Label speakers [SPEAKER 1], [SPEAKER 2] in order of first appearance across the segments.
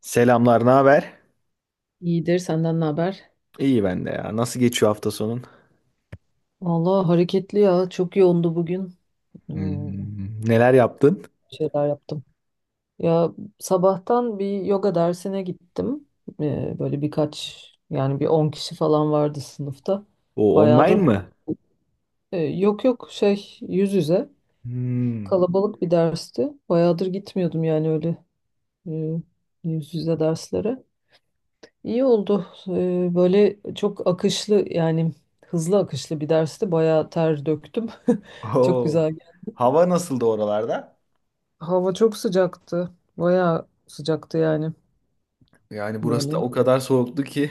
[SPEAKER 1] Selamlar, ne haber?
[SPEAKER 2] İyidir senden ne haber?
[SPEAKER 1] İyi ben de ya. Nasıl geçiyor hafta sonun?
[SPEAKER 2] Vallahi hareketli ya çok yoğundu bugün. Hmm,
[SPEAKER 1] Neler yaptın?
[SPEAKER 2] şeyler yaptım. Ya sabahtan bir yoga dersine gittim. Böyle birkaç yani bir 10 kişi falan vardı sınıfta.
[SPEAKER 1] O online
[SPEAKER 2] Bayağıdır
[SPEAKER 1] mı?
[SPEAKER 2] yok yok şey yüz yüze
[SPEAKER 1] Hmm.
[SPEAKER 2] kalabalık bir dersti. Bayağıdır gitmiyordum yani öyle e, yüz yüze derslere. İyi oldu. Böyle çok akışlı yani hızlı akışlı bir dersti. Bayağı ter döktüm. Çok
[SPEAKER 1] Oo.
[SPEAKER 2] güzel.
[SPEAKER 1] Hava nasıldı oralarda?
[SPEAKER 2] Hava çok sıcaktı. Bayağı sıcaktı yani.
[SPEAKER 1] Yani burası da
[SPEAKER 2] Böyle.
[SPEAKER 1] o kadar soğuktu ki.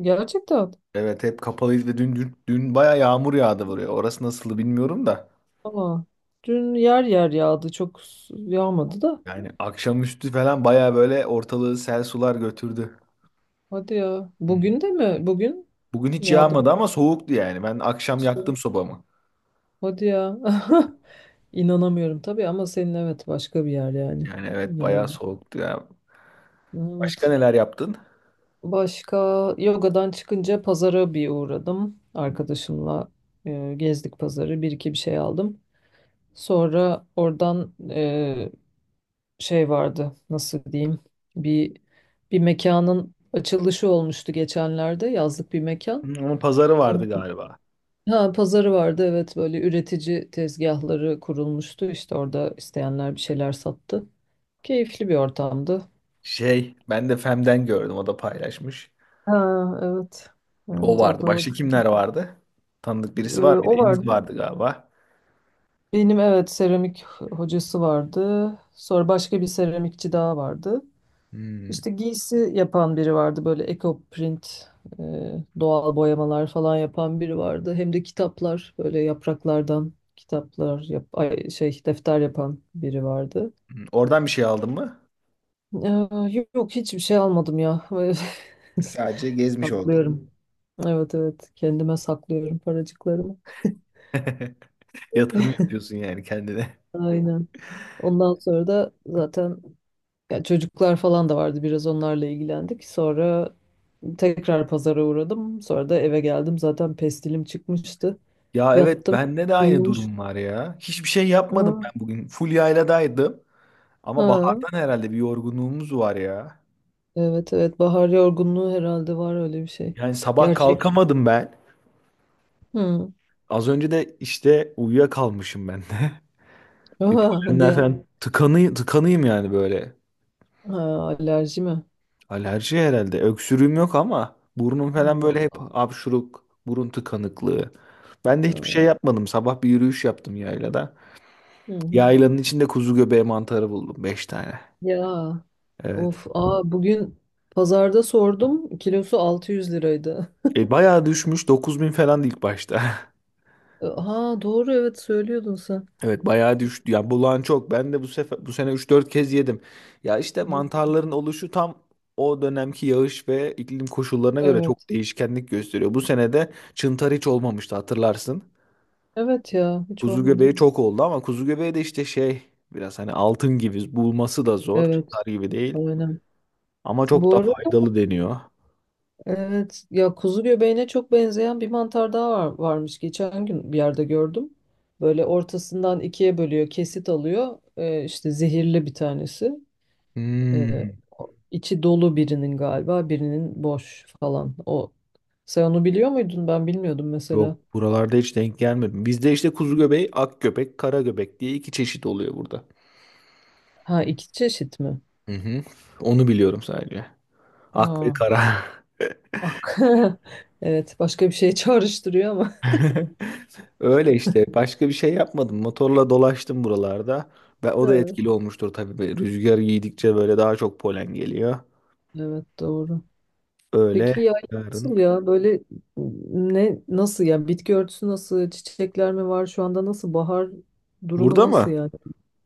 [SPEAKER 2] Gerçekten.
[SPEAKER 1] Evet hep kapalıydı ve dün baya yağmur yağdı buraya. Orası nasıldı bilmiyorum da.
[SPEAKER 2] Ama dün yer yer yağdı. Çok yağmadı da.
[SPEAKER 1] Yani akşamüstü falan baya böyle ortalığı sel sular götürdü.
[SPEAKER 2] Hadi ya.
[SPEAKER 1] Hmm.
[SPEAKER 2] Bugün de mi? Bugün
[SPEAKER 1] Bugün hiç
[SPEAKER 2] yağdı mı?
[SPEAKER 1] yağmadı ama soğuktu yani. Ben akşam
[SPEAKER 2] Nasıl?
[SPEAKER 1] yaktım sobamı.
[SPEAKER 2] Hadi ya. İnanamıyorum tabii ama senin evet başka bir yer yani.
[SPEAKER 1] Yani evet bayağı
[SPEAKER 2] Yağdı.
[SPEAKER 1] soğuktu ya. Başka
[SPEAKER 2] Evet.
[SPEAKER 1] neler yaptın?
[SPEAKER 2] Başka yogadan çıkınca pazara bir uğradım. Arkadaşımla gezdik pazarı. Bir iki bir şey aldım. Sonra oradan şey vardı nasıl diyeyim bir bir mekanın açılışı olmuştu geçenlerde yazlık bir mekan.
[SPEAKER 1] Onun pazarı
[SPEAKER 2] Onun,
[SPEAKER 1] vardı galiba.
[SPEAKER 2] ha, pazarı vardı evet böyle üretici tezgahları kurulmuştu işte orada isteyenler bir şeyler sattı. Keyifli bir ortamdı.
[SPEAKER 1] Şey, ben de Fem'den gördüm, o da paylaşmış.
[SPEAKER 2] Ha, evet.
[SPEAKER 1] O
[SPEAKER 2] Evet o
[SPEAKER 1] vardı.
[SPEAKER 2] da orada.
[SPEAKER 1] Başka kimler vardı? Tanıdık birisi var mıydı?
[SPEAKER 2] O
[SPEAKER 1] Enis
[SPEAKER 2] vardı.
[SPEAKER 1] vardı galiba.
[SPEAKER 2] Benim evet seramik hocası vardı. Sonra başka bir seramikçi daha vardı.
[SPEAKER 1] Hmm.
[SPEAKER 2] İşte giysi yapan biri vardı böyle eco print, e, doğal boyamalar falan yapan biri vardı. Hem de kitaplar böyle yapraklardan kitaplar şey defter yapan biri vardı.
[SPEAKER 1] Oradan bir şey aldın mı?
[SPEAKER 2] Ee, Yok yok, hiçbir şey almadım ya.
[SPEAKER 1] Sadece gezmiş oldun.
[SPEAKER 2] Saklıyorum. Evet evet kendime saklıyorum paracıklarımı.
[SPEAKER 1] Yatırım yapıyorsun yani kendine.
[SPEAKER 2] Aynen. Ondan sonra da zaten ya çocuklar falan da vardı biraz onlarla ilgilendik. Sonra tekrar pazara uğradım. Sonra da eve geldim. Zaten pestilim çıkmıştı.
[SPEAKER 1] Ya evet,
[SPEAKER 2] Yattım.
[SPEAKER 1] bende de aynı
[SPEAKER 2] Uyumuş.
[SPEAKER 1] durum var ya. Hiçbir şey
[SPEAKER 2] Ha,
[SPEAKER 1] yapmadım ben bugün. Full yayladaydım. Ama
[SPEAKER 2] ha.
[SPEAKER 1] bahardan herhalde bir yorgunluğumuz var ya.
[SPEAKER 2] Evet evet bahar yorgunluğu herhalde var öyle bir şey.
[SPEAKER 1] Yani sabah
[SPEAKER 2] Gerçek.
[SPEAKER 1] kalkamadım ben.
[SPEAKER 2] Hı.
[SPEAKER 1] Az önce de işte uyuyakalmışım ben de. Bir
[SPEAKER 2] Aha, hadi
[SPEAKER 1] polenler
[SPEAKER 2] ya.
[SPEAKER 1] falan tıkanıyım yani böyle.
[SPEAKER 2] Ha, alerji mi?
[SPEAKER 1] Alerji herhalde. Öksürüğüm yok ama burnum falan böyle
[SPEAKER 2] Allah
[SPEAKER 1] hep
[SPEAKER 2] Allah.
[SPEAKER 1] hapşuruk, burun tıkanıklığı. Ben de
[SPEAKER 2] Ha,
[SPEAKER 1] hiçbir şey yapmadım. Sabah bir yürüyüş yaptım yaylada.
[SPEAKER 2] hı hı.
[SPEAKER 1] Yaylanın içinde kuzu göbeği mantarı buldum. Beş tane.
[SPEAKER 2] Ya
[SPEAKER 1] Evet.
[SPEAKER 2] of aa bugün pazarda sordum kilosu 600 liraydı.
[SPEAKER 1] E, bayağı düşmüş. 9.000 falan ilk başta.
[SPEAKER 2] Ha doğru evet söylüyordun sen.
[SPEAKER 1] Evet bayağı düştü. Ya bulan çok. Ben de bu sefer bu sene üç dört kez yedim. Ya işte
[SPEAKER 2] Hı.
[SPEAKER 1] mantarların oluşu tam o dönemki yağış ve iklim koşullarına göre çok
[SPEAKER 2] Evet.
[SPEAKER 1] değişkenlik gösteriyor. Bu sene de çıntar hiç olmamıştı hatırlarsın.
[SPEAKER 2] Evet ya hiç
[SPEAKER 1] Kuzu
[SPEAKER 2] olmadı.
[SPEAKER 1] göbeği çok oldu ama kuzu göbeği de işte şey, biraz hani altın gibi, bulması da zor.
[SPEAKER 2] Evet
[SPEAKER 1] Çıtar gibi değil.
[SPEAKER 2] aynen.
[SPEAKER 1] Ama çok
[SPEAKER 2] Bu
[SPEAKER 1] da
[SPEAKER 2] arada
[SPEAKER 1] faydalı deniyor.
[SPEAKER 2] evet ya kuzu göbeğine çok benzeyen bir mantar daha var, varmış. Geçen gün bir yerde gördüm. Böyle ortasından ikiye bölüyor, kesit alıyor. İşte zehirli bir tanesi. Ee,
[SPEAKER 1] Hmm,
[SPEAKER 2] içi dolu birinin galiba, birinin boş falan. O sen onu biliyor muydun? Ben bilmiyordum mesela.
[SPEAKER 1] yok, buralarda hiç denk gelmedim. Bizde işte kuzu göbeği, ak göbek, kara göbek diye iki çeşit oluyor burada.
[SPEAKER 2] Ha iki çeşit mi?
[SPEAKER 1] Hı hı. Onu biliyorum sadece. Ak ve
[SPEAKER 2] Ha
[SPEAKER 1] kara.
[SPEAKER 2] bak. Evet başka bir şey çağrıştırıyor ama.
[SPEAKER 1] Öyle işte. Başka bir şey yapmadım. Motorla dolaştım buralarda. Ve o da
[SPEAKER 2] Evet.
[SPEAKER 1] etkili olmuştur tabii. Böyle rüzgar giydikçe böyle daha çok polen geliyor.
[SPEAKER 2] Evet doğru.
[SPEAKER 1] Öyle
[SPEAKER 2] Peki ya
[SPEAKER 1] yarın.
[SPEAKER 2] nasıl ya böyle ne nasıl ya bitki örtüsü nasıl, çiçekler mi var şu anda, nasıl bahar durumu
[SPEAKER 1] Burada
[SPEAKER 2] nasıl
[SPEAKER 1] mı?
[SPEAKER 2] yani?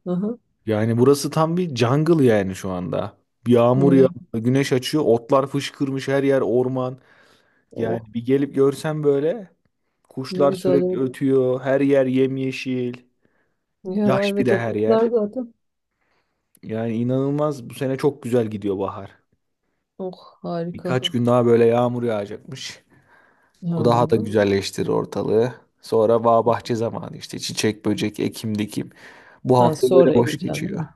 [SPEAKER 2] Aha
[SPEAKER 1] Yani burası tam bir jungle yani şu anda. Yağmur
[SPEAKER 2] ya
[SPEAKER 1] yağıyor, güneş açıyor, otlar fışkırmış, her yer orman.
[SPEAKER 2] oh
[SPEAKER 1] Yani bir gelip görsem böyle,
[SPEAKER 2] ne
[SPEAKER 1] kuşlar
[SPEAKER 2] güzel
[SPEAKER 1] sürekli
[SPEAKER 2] evet.
[SPEAKER 1] ötüyor, her yer yemyeşil,
[SPEAKER 2] Ya
[SPEAKER 1] yaş bir
[SPEAKER 2] evet
[SPEAKER 1] de
[SPEAKER 2] o
[SPEAKER 1] her yer.
[SPEAKER 2] kuşlar zaten
[SPEAKER 1] Yani inanılmaz, bu sene çok güzel gidiyor bahar.
[SPEAKER 2] oh harika
[SPEAKER 1] Birkaç gün daha böyle yağmur yağacakmış.
[SPEAKER 2] ya.
[SPEAKER 1] O daha da güzelleştirir ortalığı. Sonra bağ bahçe zamanı işte, çiçek, böcek, ekim, dikim. Bu
[SPEAKER 2] Ha,
[SPEAKER 1] hafta böyle
[SPEAKER 2] sonra
[SPEAKER 1] boş
[SPEAKER 2] ekeceğim değil
[SPEAKER 1] geçiyor.
[SPEAKER 2] mi?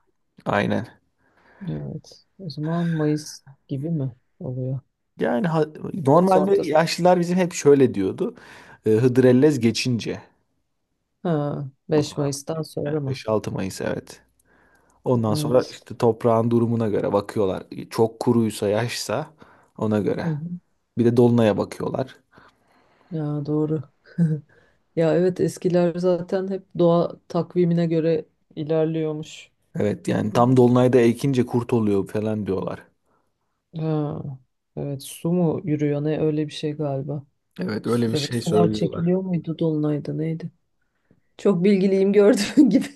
[SPEAKER 1] Aynen.
[SPEAKER 2] Evet o zaman Mayıs gibi mi oluyor?
[SPEAKER 1] Yani
[SPEAKER 2] Mayıs
[SPEAKER 1] normalde
[SPEAKER 2] ortası,
[SPEAKER 1] yaşlılar bizim hep şöyle diyordu. E, Hıdrellez geçince
[SPEAKER 2] ha
[SPEAKER 1] bu
[SPEAKER 2] 5
[SPEAKER 1] taraf.
[SPEAKER 2] Mayıs'tan
[SPEAKER 1] Yani
[SPEAKER 2] sonra mı?
[SPEAKER 1] 5-6 Mayıs evet. Ondan sonra
[SPEAKER 2] Evet.
[SPEAKER 1] işte toprağın durumuna göre bakıyorlar. Çok kuruysa yaşsa ona göre.
[SPEAKER 2] Hı hı.
[SPEAKER 1] Bir de dolunaya bakıyorlar.
[SPEAKER 2] Ya doğru. Ya evet eskiler zaten hep doğa takvimine göre ilerliyormuş.
[SPEAKER 1] Evet yani tam dolunayda ekince kurt oluyor falan diyorlar.
[SPEAKER 2] Ha, evet su mu yürüyor ne öyle bir şey galiba.
[SPEAKER 1] Evet öyle bir
[SPEAKER 2] Ya da
[SPEAKER 1] şey
[SPEAKER 2] sular
[SPEAKER 1] söylüyorlar.
[SPEAKER 2] çekiliyor muydu dolunayda neydi? Çok bilgiliyim gördüğün gibi.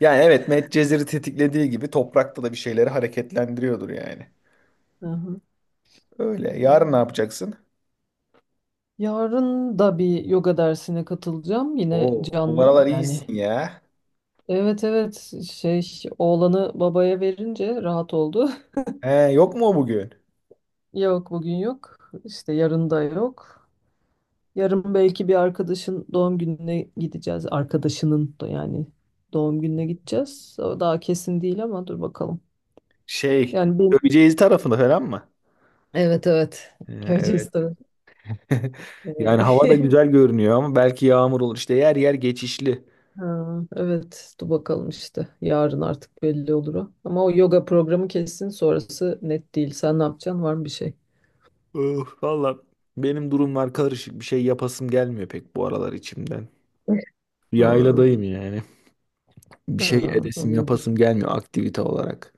[SPEAKER 1] Yani evet, Medcezir'i tetiklediği gibi toprakta da bir şeyleri hareketlendiriyordur yani.
[SPEAKER 2] Aha.
[SPEAKER 1] Öyle. Yarın ne yapacaksın?
[SPEAKER 2] Yarın da bir yoga dersine katılacağım yine
[SPEAKER 1] Oo, bu
[SPEAKER 2] canlı
[SPEAKER 1] aralar
[SPEAKER 2] yani.
[SPEAKER 1] iyisin ya.
[SPEAKER 2] Evet evet oğlanı babaya verince rahat oldu.
[SPEAKER 1] He, yok mu o bugün?
[SPEAKER 2] Yok bugün yok işte yarın da yok. Yarın belki bir arkadaşın doğum gününe gideceğiz. Arkadaşının da yani doğum gününe gideceğiz. O daha kesin değil ama dur bakalım.
[SPEAKER 1] Şey,
[SPEAKER 2] Yani benim.
[SPEAKER 1] Göceci tarafında falan mı?
[SPEAKER 2] Evet evet.
[SPEAKER 1] Evet.
[SPEAKER 2] Gürcistan. Ee,
[SPEAKER 1] Yani hava da güzel görünüyor ama belki yağmur olur. İşte yer yer geçişli.
[SPEAKER 2] ha, evet dur bakalım işte. Yarın artık belli olur o. Ama o yoga programı kesin sonrası net değil. Sen ne yapacaksın? Var mı bir şey?
[SPEAKER 1] Öf, valla benim durumlar karışık. Bir şey yapasım gelmiyor pek bu aralar içimden.
[SPEAKER 2] Ha,
[SPEAKER 1] Yayladayım yani. Bir şey
[SPEAKER 2] ha,
[SPEAKER 1] edesim
[SPEAKER 2] anladım.
[SPEAKER 1] yapasım gelmiyor aktivite olarak.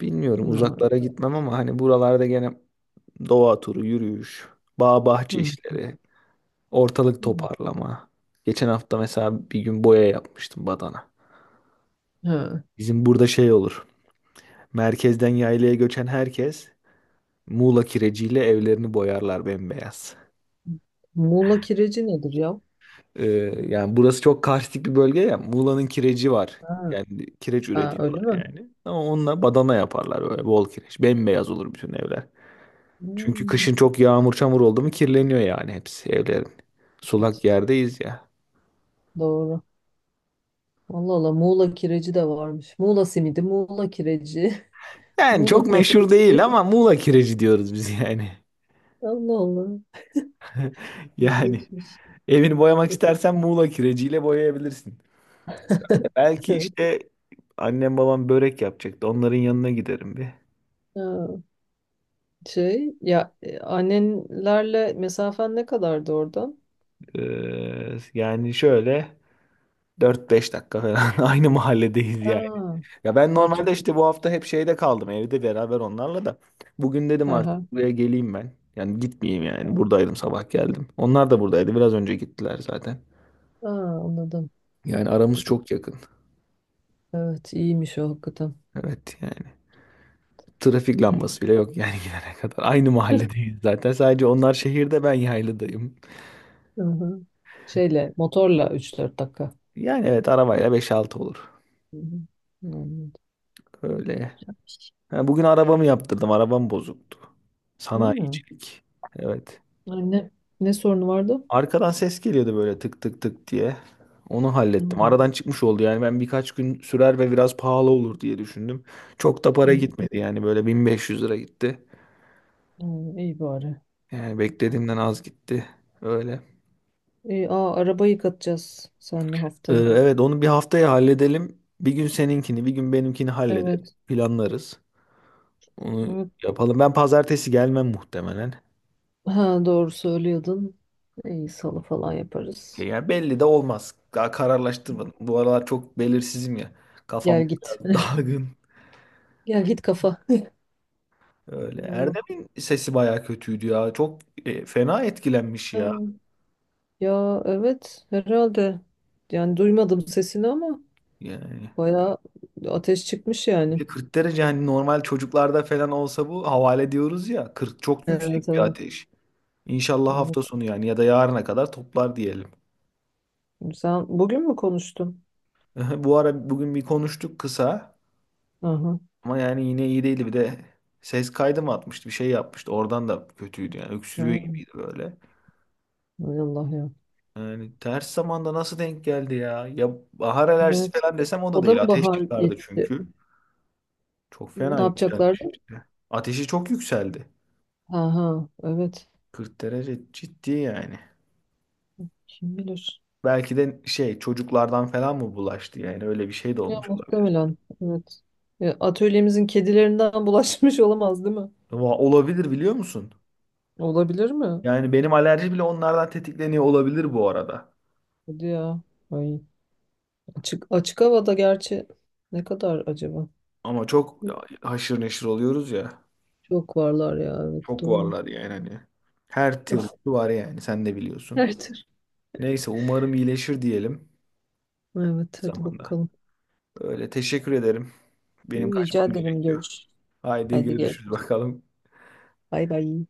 [SPEAKER 1] Bilmiyorum, uzaklara
[SPEAKER 2] Ha,
[SPEAKER 1] gitmem ama hani buralarda gene doğa turu, yürüyüş, bağ bahçe
[SPEAKER 2] hı,
[SPEAKER 1] işleri, ortalık
[SPEAKER 2] hı,
[SPEAKER 1] toparlama. Geçen hafta mesela bir gün boya yapmıştım, badana.
[SPEAKER 2] ha.
[SPEAKER 1] Bizim burada şey olur. Merkezden yaylaya göçen herkes Muğla kireciyle evlerini boyarlar bembeyaz.
[SPEAKER 2] Muğla kireci nedir ya?
[SPEAKER 1] Ee, yani burası çok karstik bir bölge ya. Muğla'nın kireci var.
[SPEAKER 2] Ha,
[SPEAKER 1] Yani kireç
[SPEAKER 2] ha, öyle
[SPEAKER 1] üretiyorlar
[SPEAKER 2] mi?
[SPEAKER 1] yani. Ama onunla badana yaparlar, böyle bol kireç. Bembeyaz olur bütün evler. Çünkü
[SPEAKER 2] Hmm,
[SPEAKER 1] kışın çok yağmur çamur oldu mu kirleniyor yani hepsi evlerin. Sulak yerdeyiz ya.
[SPEAKER 2] doğru. Allah Allah Muğla kireci de varmış. Muğla simidi, Muğla kireci,
[SPEAKER 1] Yani
[SPEAKER 2] Muğla
[SPEAKER 1] çok meşhur değil
[SPEAKER 2] köftesi.
[SPEAKER 1] ama Muğla kireci diyoruz biz yani.
[SPEAKER 2] Allah Allah.
[SPEAKER 1] Yani
[SPEAKER 2] İlginçmiş.
[SPEAKER 1] evini boyamak istersen Muğla kireciyle boyayabilirsin. Belki
[SPEAKER 2] Evet.
[SPEAKER 1] işte annem babam börek yapacaktı. Onların yanına giderim bir.
[SPEAKER 2] Ha, şey ya annenlerle mesafen ne kadardı oradan?
[SPEAKER 1] Yani şöyle dört beş dakika falan, aynı mahalledeyiz yani.
[SPEAKER 2] Aa,
[SPEAKER 1] Ya ben
[SPEAKER 2] ay çok.
[SPEAKER 1] normalde işte bu hafta hep şeyde kaldım, evde beraber onlarla da. Bugün
[SPEAKER 2] Hı
[SPEAKER 1] dedim artık
[SPEAKER 2] hı.
[SPEAKER 1] buraya geleyim ben. Yani gitmeyeyim yani. Buradaydım, sabah geldim. Onlar da buradaydı. Biraz önce gittiler zaten.
[SPEAKER 2] Aa, anladım.
[SPEAKER 1] Yani aramız
[SPEAKER 2] İyi.
[SPEAKER 1] çok yakın.
[SPEAKER 2] Evet iyiymiş o hakikaten.
[SPEAKER 1] Evet yani. Trafik
[SPEAKER 2] İyi.
[SPEAKER 1] lambası bile yok yani gidene kadar. Aynı mahalledeyiz zaten. Sadece onlar şehirde, ben yaylıdayım.
[SPEAKER 2] Hı hı. Şeyle motorla üç dört dakika.
[SPEAKER 1] Yani evet, arabayla beş altı olur.
[SPEAKER 2] Hı hı. Anladım.
[SPEAKER 1] Öyle. Ha, bugün arabamı yaptırdım. Arabam bozuktu.
[SPEAKER 2] Hı.
[SPEAKER 1] Sanayicilik. Evet.
[SPEAKER 2] Anne ne sorunu vardı?
[SPEAKER 1] Arkadan ses geliyordu böyle, tık tık tık diye. Onu hallettim.
[SPEAKER 2] Hı.
[SPEAKER 1] Aradan çıkmış oldu yani. Ben birkaç gün sürer ve biraz pahalı olur diye düşündüm. Çok da para
[SPEAKER 2] Hı.
[SPEAKER 1] gitmedi yani. Böyle 1.500 lira gitti.
[SPEAKER 2] Hı, İyi bari.
[SPEAKER 1] Yani beklediğimden az gitti. Öyle.
[SPEAKER 2] Aa, araba yıkatacağız senle
[SPEAKER 1] Ee,
[SPEAKER 2] haftaya.
[SPEAKER 1] evet onu bir haftaya halledelim. Bir gün seninkini, bir gün benimkini hallederiz.
[SPEAKER 2] Evet.
[SPEAKER 1] Planlarız. Onu
[SPEAKER 2] Evet.
[SPEAKER 1] yapalım. Ben pazartesi gelmem muhtemelen.
[SPEAKER 2] Ha, doğru söylüyordun. İyi salı falan
[SPEAKER 1] Ya
[SPEAKER 2] yaparız.
[SPEAKER 1] yani belli de olmaz. Daha kararlaştırmadım. Bu aralar çok belirsizim ya. Kafam
[SPEAKER 2] Gel git.
[SPEAKER 1] biraz dalgın.
[SPEAKER 2] Gel git kafa.
[SPEAKER 1] Öyle.
[SPEAKER 2] Vallahi.
[SPEAKER 1] Erdem'in sesi bayağı kötüydü ya. Çok fena etkilenmiş
[SPEAKER 2] Ha,
[SPEAKER 1] ya.
[SPEAKER 2] ya evet herhalde. Yani duymadım sesini ama
[SPEAKER 1] Yani
[SPEAKER 2] bayağı ateş çıkmış
[SPEAKER 1] bir
[SPEAKER 2] yani.
[SPEAKER 1] de 40 derece, hani normal çocuklarda falan olsa bu havale diyoruz ya. 40 çok
[SPEAKER 2] Evet
[SPEAKER 1] yüksek bir
[SPEAKER 2] evet.
[SPEAKER 1] ateş. İnşallah
[SPEAKER 2] Evet.
[SPEAKER 1] hafta sonu yani ya da yarına kadar toplar diyelim.
[SPEAKER 2] Sen bugün mü konuştun?
[SPEAKER 1] Bu ara bugün bir konuştuk kısa
[SPEAKER 2] Aha.
[SPEAKER 1] ama yani yine iyi değildi. Bir de ses kaydı mı atmıştı, bir şey yapmıştı. Oradan da kötüydü yani,
[SPEAKER 2] Ha.
[SPEAKER 1] öksürüyor gibiydi böyle.
[SPEAKER 2] Hay Allah ya.
[SPEAKER 1] Yani ters zamanda nasıl denk geldi ya? Ya bahar alerjisi
[SPEAKER 2] Evet.
[SPEAKER 1] falan desem o da
[SPEAKER 2] O da
[SPEAKER 1] değil.
[SPEAKER 2] mı
[SPEAKER 1] Ateş
[SPEAKER 2] bahar
[SPEAKER 1] çıkardı
[SPEAKER 2] gitti?
[SPEAKER 1] çünkü. Çok fena
[SPEAKER 2] Ne yapacaklardı?
[SPEAKER 1] yükselmiş işte. Ateşi çok yükseldi.
[SPEAKER 2] Aha evet.
[SPEAKER 1] 40 derece ciddi yani.
[SPEAKER 2] Kim bilir.
[SPEAKER 1] Belki de şey, çocuklardan falan mı bulaştı, yani öyle bir şey de
[SPEAKER 2] Ya
[SPEAKER 1] olmuş olabilir.
[SPEAKER 2] muhtemelen. Evet. Ya, atölyemizin kedilerinden bulaşmış olamaz değil mi?
[SPEAKER 1] Olabilir biliyor musun?
[SPEAKER 2] Olabilir mi?
[SPEAKER 1] Yani benim alerji bile onlardan tetikleniyor olabilir bu arada.
[SPEAKER 2] Hadi ya. Ay. Açık havada gerçi ne kadar acaba?
[SPEAKER 1] Ama çok haşır neşir oluyoruz ya.
[SPEAKER 2] Çok varlar ya. Evet
[SPEAKER 1] Çok
[SPEAKER 2] doğru.
[SPEAKER 1] varlar yani hani. Her türlü var yani, sen de biliyorsun.
[SPEAKER 2] Her türlü.
[SPEAKER 1] Neyse umarım iyileşir diyelim.
[SPEAKER 2] Evet hadi
[SPEAKER 1] Zamanda.
[SPEAKER 2] bakalım.
[SPEAKER 1] Öyle, teşekkür ederim. Benim
[SPEAKER 2] Rica
[SPEAKER 1] kaçmam
[SPEAKER 2] ederim
[SPEAKER 1] gerekiyor.
[SPEAKER 2] görüş.
[SPEAKER 1] Haydi
[SPEAKER 2] Hadi
[SPEAKER 1] görüşürüz
[SPEAKER 2] görüşürüz.
[SPEAKER 1] bakalım.
[SPEAKER 2] Bay bay.